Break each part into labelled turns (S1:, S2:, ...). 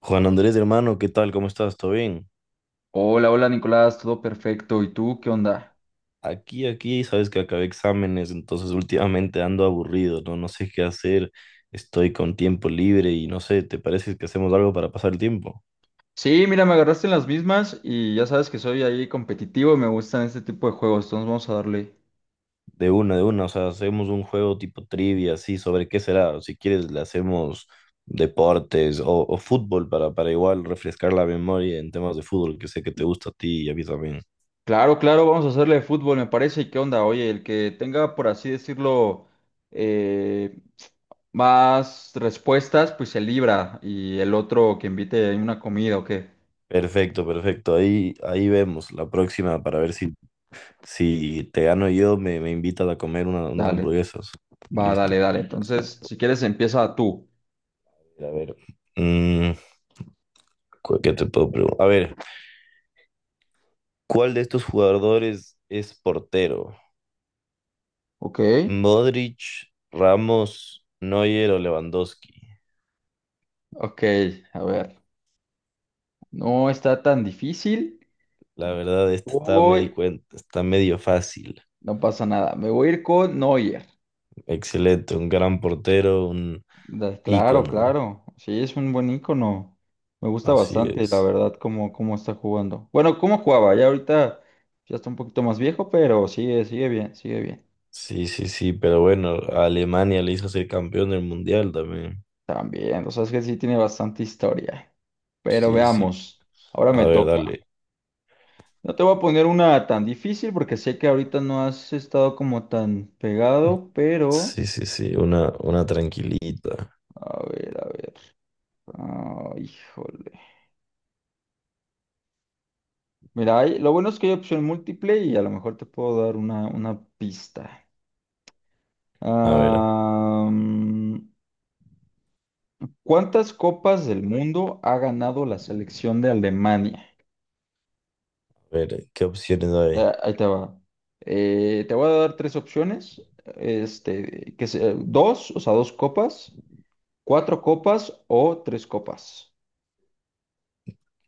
S1: Juan Andrés, hermano, ¿qué tal? ¿Cómo estás? ¿Todo bien?
S2: Hola, hola Nicolás, todo perfecto. ¿Y tú qué onda?
S1: Aquí, sabes que acabé exámenes, entonces últimamente ando aburrido, ¿no? No sé qué hacer, estoy con tiempo libre y no sé, ¿te parece que hacemos algo para pasar el tiempo?
S2: Sí, mira, me agarraste en las mismas y ya sabes que soy ahí competitivo y me gustan este tipo de juegos, entonces vamos a darle.
S1: De una, o sea, hacemos un juego tipo trivia, así, sobre qué será. Si quieres, le hacemos deportes o fútbol para igual refrescar la memoria en temas de fútbol, que sé que te gusta a ti y a mí también.
S2: Claro, claro, vamos a hacerle de fútbol, me parece. ¿Y qué onda? Oye, el que tenga, por así decirlo, eh, más respuestas, pues se libra y el otro que invite ahí una comida o qué.
S1: Perfecto, perfecto, ahí vemos la próxima para ver si si te gano yo, me invitas a comer unas
S2: Dale,
S1: hamburguesas.
S2: va, dale,
S1: Listo.
S2: dale. Entonces, si quieres, empieza tú.
S1: A ver. mm, ¿Qué te puedo preguntar? A ver, ¿cuál de estos jugadores es portero?
S2: Ok,
S1: ¿Modric, Ramos, Neuer o Lewandowski?
S2: ok, a ver, no está tan difícil.
S1: La verdad, esta me di
S2: Uy,
S1: cuenta, está medio fácil.
S2: no pasa nada. Me voy a ir con Neuer.
S1: Excelente, un gran portero, un
S2: Claro,
S1: ícono.
S2: claro. Sí, es un buen ícono. Me gusta
S1: Así
S2: bastante, la
S1: es.
S2: verdad, cómo está jugando. Bueno, cómo jugaba. Ya ahorita ya está un poquito más viejo, pero sigue, sigue bien, sigue bien.
S1: Sí, sí, sí, pero bueno, a Alemania le hizo ser campeón del mundial también.
S2: También, o sea, es que sí tiene bastante historia. Pero
S1: Sí, sí.
S2: veamos. Ahora
S1: A
S2: me
S1: ver,
S2: toca.
S1: dale.
S2: No te voy a poner una tan difícil porque sé que ahorita no has estado como tan pegado, pero...
S1: Sí, sí, sí, una tranquilita.
S2: A ver, a ver. Ah, híjole. Mira, lo bueno es que hay opción múltiple y a lo mejor te puedo dar una pista.
S1: A
S2: Ah, ¿cuántas copas del mundo ha ganado la selección de Alemania?
S1: ver, ¿qué opciones hay?
S2: Ah, ahí te va. Te voy a dar tres opciones. Este, dos, o sea, dos copas, cuatro copas o tres copas.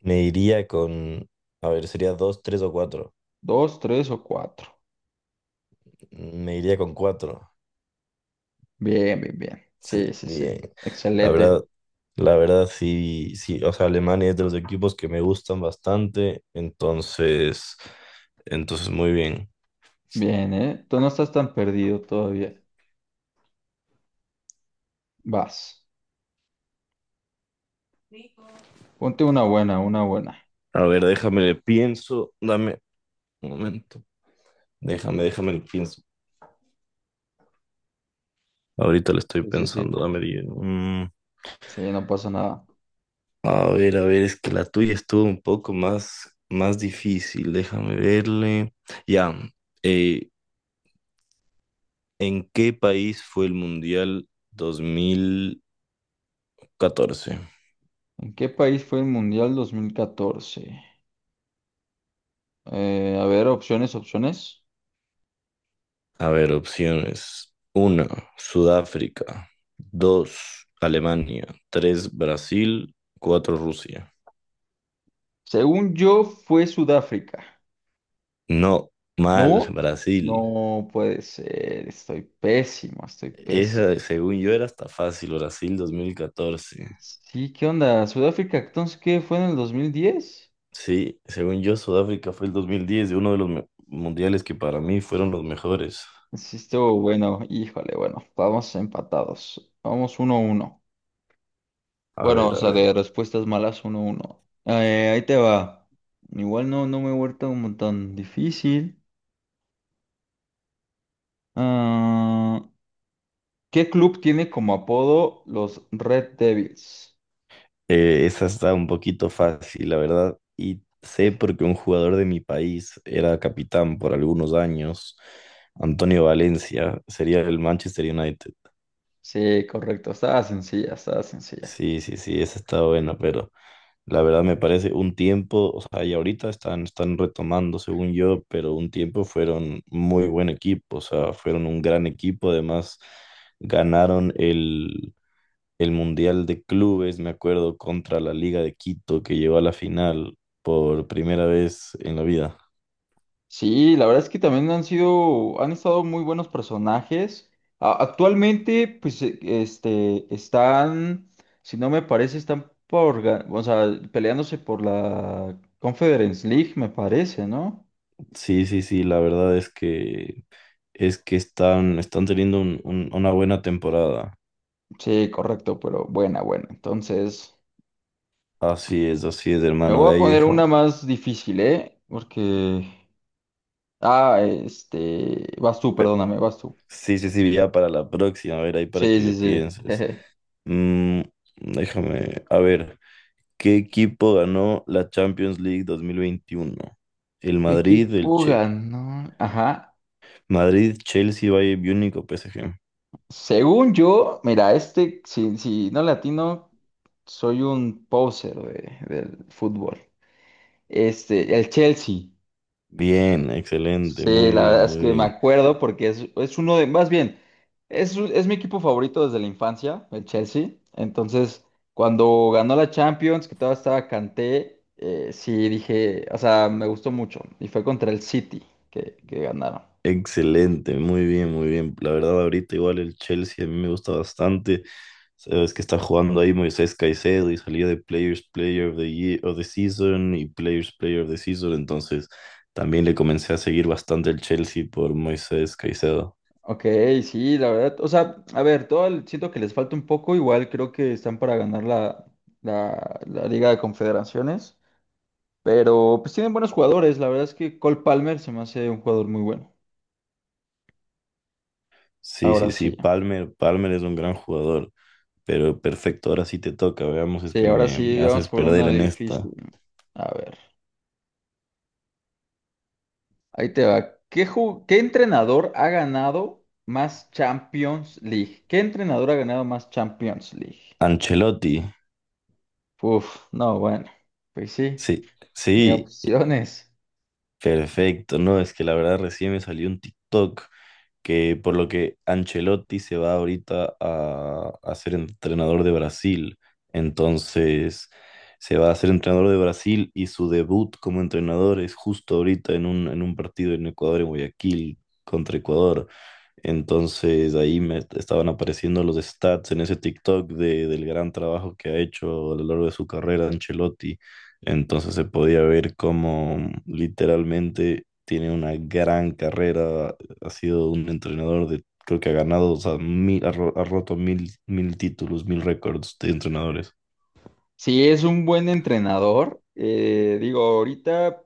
S1: Me iría con, a ver, sería dos, tres o cuatro.
S2: Dos, tres o cuatro.
S1: Me iría con cuatro.
S2: Bien, bien, bien. Sí,
S1: Sí,
S2: sí,
S1: bien.
S2: sí.
S1: La
S2: Excelente.
S1: verdad, la verdad, sí, sí. O sea, Alemania es de los equipos que me gustan bastante. Entonces, muy bien.
S2: Bien, ¿eh? Tú no estás tan perdido todavía. Vas. Ponte una buena, una buena.
S1: A ver, déjame le pienso. Dame un momento. Déjame, le pienso. Ahorita le estoy
S2: Sí, sí, sí.
S1: pensando. Dame diez. Mm.
S2: Sí, no pasa nada.
S1: A ver, es que la tuya estuvo un poco más difícil, déjame verle. Ya, eh, ¿en qué país fue el Mundial dos mil catorce?
S2: ¿En qué país fue el Mundial 2014? A ver, opciones, opciones.
S1: A ver, opciones. Uno, Sudáfrica. Dos, Alemania. Tres, Brasil. Cuatro, Rusia.
S2: Según yo, fue Sudáfrica.
S1: No, mal,
S2: ¿No?
S1: Brasil.
S2: No puede ser. Estoy pésimo, estoy pésimo.
S1: Esa, según yo, era hasta fácil, Brasil 2014.
S2: Sí, ¿qué onda? ¿Sudáfrica entonces qué fue en el 2010?
S1: Sí, según yo, Sudáfrica fue el dos mil diez, de uno de los mundiales que para mí fueron los mejores.
S2: Sí, estuvo bueno. Híjole, bueno, vamos empatados. Vamos 1 uno.
S1: A
S2: Bueno, o
S1: ver, a
S2: sea,
S1: ver.
S2: de respuestas malas, uno, uno. Ahí te va. Igual no, no me he vuelto como tan difícil. Ah, ¿qué club tiene como apodo los Red Devils?
S1: Esa está un poquito fácil, la verdad. Y sé
S2: Eje.
S1: porque un jugador de mi país era capitán por algunos años, Antonio Valencia, sería el Manchester United.
S2: Sí, correcto. Estaba sencilla, estaba sencilla.
S1: Sí, sí, sí, esa está buena. Pero la verdad me parece un tiempo, o sea, y ahorita están retomando, según yo, pero un tiempo fueron muy buen equipo, o sea, fueron un gran equipo, además ganaron el Mundial de Clubes, me acuerdo, contra la Liga de Quito, que llegó a la final por primera vez en la vida.
S2: Sí, la verdad es que también han sido, han estado muy buenos personajes. Actualmente, pues, este, están, si no me parece, están por, o sea, peleándose por la Conference League, me parece, ¿no?
S1: Sí, sí, sí, la verdad es que están teniendo una buena temporada.
S2: Sí, correcto, pero buena, buena. Entonces,
S1: Así es,
S2: me
S1: hermano,
S2: voy
S1: de
S2: a
S1: ahí
S2: poner
S1: déjame.
S2: una más difícil, ¿eh? Porque... Ah, este... Vas tú, perdóname, vas tú.
S1: Sí, sí, sí, ya para la próxima, a ver, ahí para
S2: Sí,
S1: que
S2: sí,
S1: le
S2: sí.
S1: pienses. Mm, déjame, a ver, ¿qué equipo ganó la Champions League dos mil veintiuno? ¿El
S2: ¿Qué
S1: Madrid, el
S2: equipo
S1: Che-
S2: ganó? Ajá.
S1: ¿Madrid, Chelsea, Bayern Múnich o PSG?
S2: Según yo, mira, este, si no latino, soy un poser del fútbol. Este, el Chelsea.
S1: Bien, excelente,
S2: Sí,
S1: muy
S2: la
S1: bien,
S2: verdad es
S1: muy
S2: que me
S1: bien.
S2: acuerdo porque es uno de, más bien, es, es mi equipo favorito desde la infancia, el Chelsea. Entonces, cuando ganó la Champions, que todavía estaba Kanté, sí dije, o sea, me gustó mucho. Y fue contra el City que ganaron.
S1: Excelente, muy bien, muy bien. La verdad, ahorita igual el Chelsea a mí me gusta bastante. Sabes que está jugando ahí Moisés Caicedo y salía de Players Player of the Year, of the Season y Players Player of the Season. Entonces, también le comencé a seguir bastante el Chelsea por Moisés Caicedo.
S2: Ok, sí, la verdad, o sea, a ver, siento que les falta un poco, igual creo que están para ganar la Liga de Confederaciones, pero pues tienen buenos jugadores, la verdad es que Cole Palmer se me hace un jugador muy bueno.
S1: Sí,
S2: Ahora
S1: sí, sí.
S2: sí.
S1: Palmer es un gran jugador, pero perfecto. Ahora sí te toca. Veamos, es
S2: Sí,
S1: que
S2: ahora
S1: me
S2: sí vamos
S1: haces
S2: por
S1: perder
S2: una
S1: en esta.
S2: difícil. A ver, ahí te va. ¿Qué, qué entrenador ha ganado más Champions League? ¿Qué entrenador ha ganado más Champions League?
S1: Ancelotti.
S2: Uf, no, bueno, pues sí,
S1: Sí,
S2: ni
S1: sí,
S2: opciones.
S1: perfecto. No, es que la verdad recién me salió un TikTok que, por lo que, Ancelotti se va ahorita a ser entrenador de Brasil. Entonces, se va a ser entrenador de Brasil y su debut como entrenador es justo ahorita en en un partido en Ecuador, en Guayaquil, contra Ecuador. Entonces, ahí me estaban apareciendo los stats en ese TikTok del gran trabajo que ha hecho a lo largo de su carrera Ancelotti, entonces se podía ver cómo literalmente tiene una gran carrera, ha sido un entrenador de, creo que ha ganado, o sea, ha roto mil títulos, mil récords de entrenadores.
S2: Si es un buen entrenador, digo, ahorita,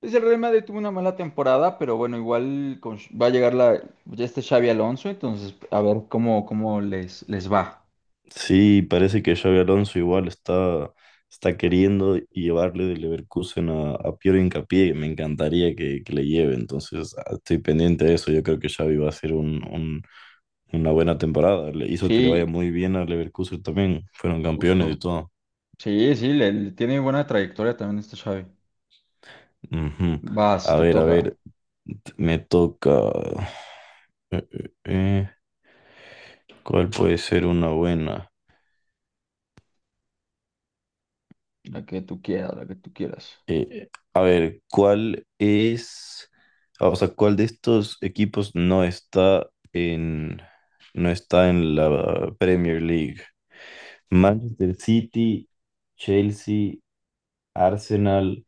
S2: pues el Real Madrid tuvo una mala temporada, pero bueno, igual va a llegar la, ya este Xavi Alonso, entonces a ver cómo les va.
S1: Sí, parece que Xabi Alonso igual está, está queriendo llevarle de Leverkusen a Piero Hincapié. Me encantaría que le lleve, entonces ah, estoy pendiente de eso. Yo creo que Xavi va a hacer una buena temporada. Le hizo que le vaya
S2: Sí,
S1: muy bien a Leverkusen también. Fueron campeones y
S2: justo.
S1: todo.
S2: Sí, sí, le tiene buena trayectoria también este Xavi.
S1: Ujú.
S2: Vas, te
S1: A
S2: toca.
S1: ver, me toca... eh, eh, eh, ¿cuál puede ser una buena?
S2: La que tú quieras, la que tú quieras.
S1: A ver, ¿cuál es, ah, o sea, ¿cuál de estos equipos no está no está en la Premier League? Manchester City, Chelsea, Arsenal,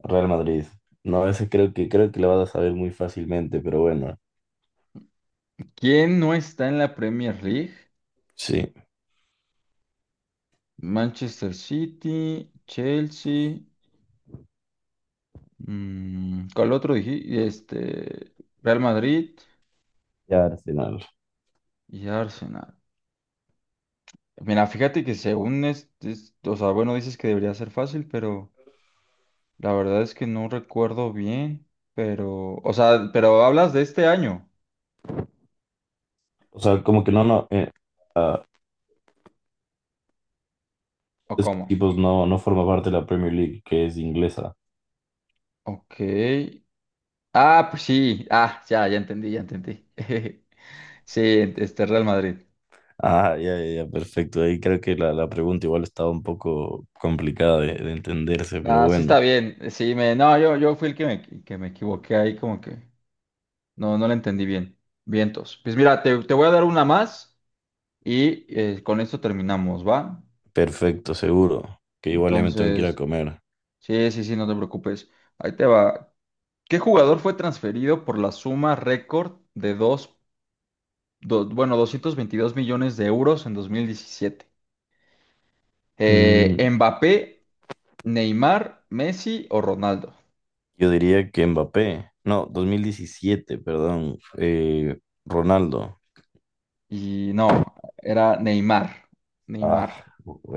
S1: Real Madrid. No, ese creo que, creo que la vas a saber muy fácilmente, pero bueno,
S2: ¿Quién no está en la Premier League?
S1: sí,
S2: Manchester City, Chelsea, ¿cuál otro dije? Este, Real Madrid
S1: ya Arsenal.
S2: y Arsenal. Mira, fíjate que según este, o sea, bueno, dices que debería ser fácil, pero la verdad es que no recuerdo bien, pero, o sea, pero hablas de este año,
S1: O sea, como que ah,
S2: ¿o
S1: esos
S2: cómo?
S1: equipos no, no forman parte de la Premier League, que es inglesa.
S2: Ok, ah, pues sí. Ah, ya, ya entendí, ya entendí. Sí, este Real Madrid.
S1: Ah, ya, ya, ya, perfecto. Ahí creo que la pregunta igual estaba un poco complicada de entenderse, pero
S2: Ah, sí está
S1: bueno,
S2: bien. Sí, me, no, yo fui el que me equivoqué ahí, como que no, no lo entendí bien. Vientos. Pues mira, te voy a dar una más y con esto terminamos, ¿va?
S1: perfecto, seguro. Que igual ya me tengo que ir a
S2: Entonces,
S1: comer.
S2: sí, sí, sí, no te preocupes. Ahí te va. ¿Qué jugador fue transferido por la suma récord de bueno, 222 millones de euros en 2017?
S1: Mm,
S2: ¿Mbappé? Neymar, Messi o Ronaldo.
S1: yo diría que Mbappé, no, 2017, perdón, Ronaldo.
S2: Y no, era Neymar. Neymar,
S1: Ah,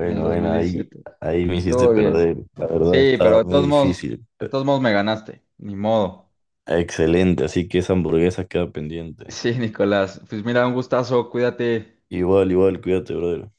S2: en el dos mil
S1: bueno,
S2: diecisiete.
S1: ahí me hiciste
S2: Estuvo bien.
S1: perder. La verdad
S2: Sí, pero
S1: estaba muy difícil,
S2: de
S1: pero
S2: todos modos me ganaste. Ni modo.
S1: excelente. Así que esa hamburguesa queda pendiente.
S2: Sí, Nicolás. Pues mira, un gustazo. Cuídate.
S1: Igual, igual, cuídate, brother.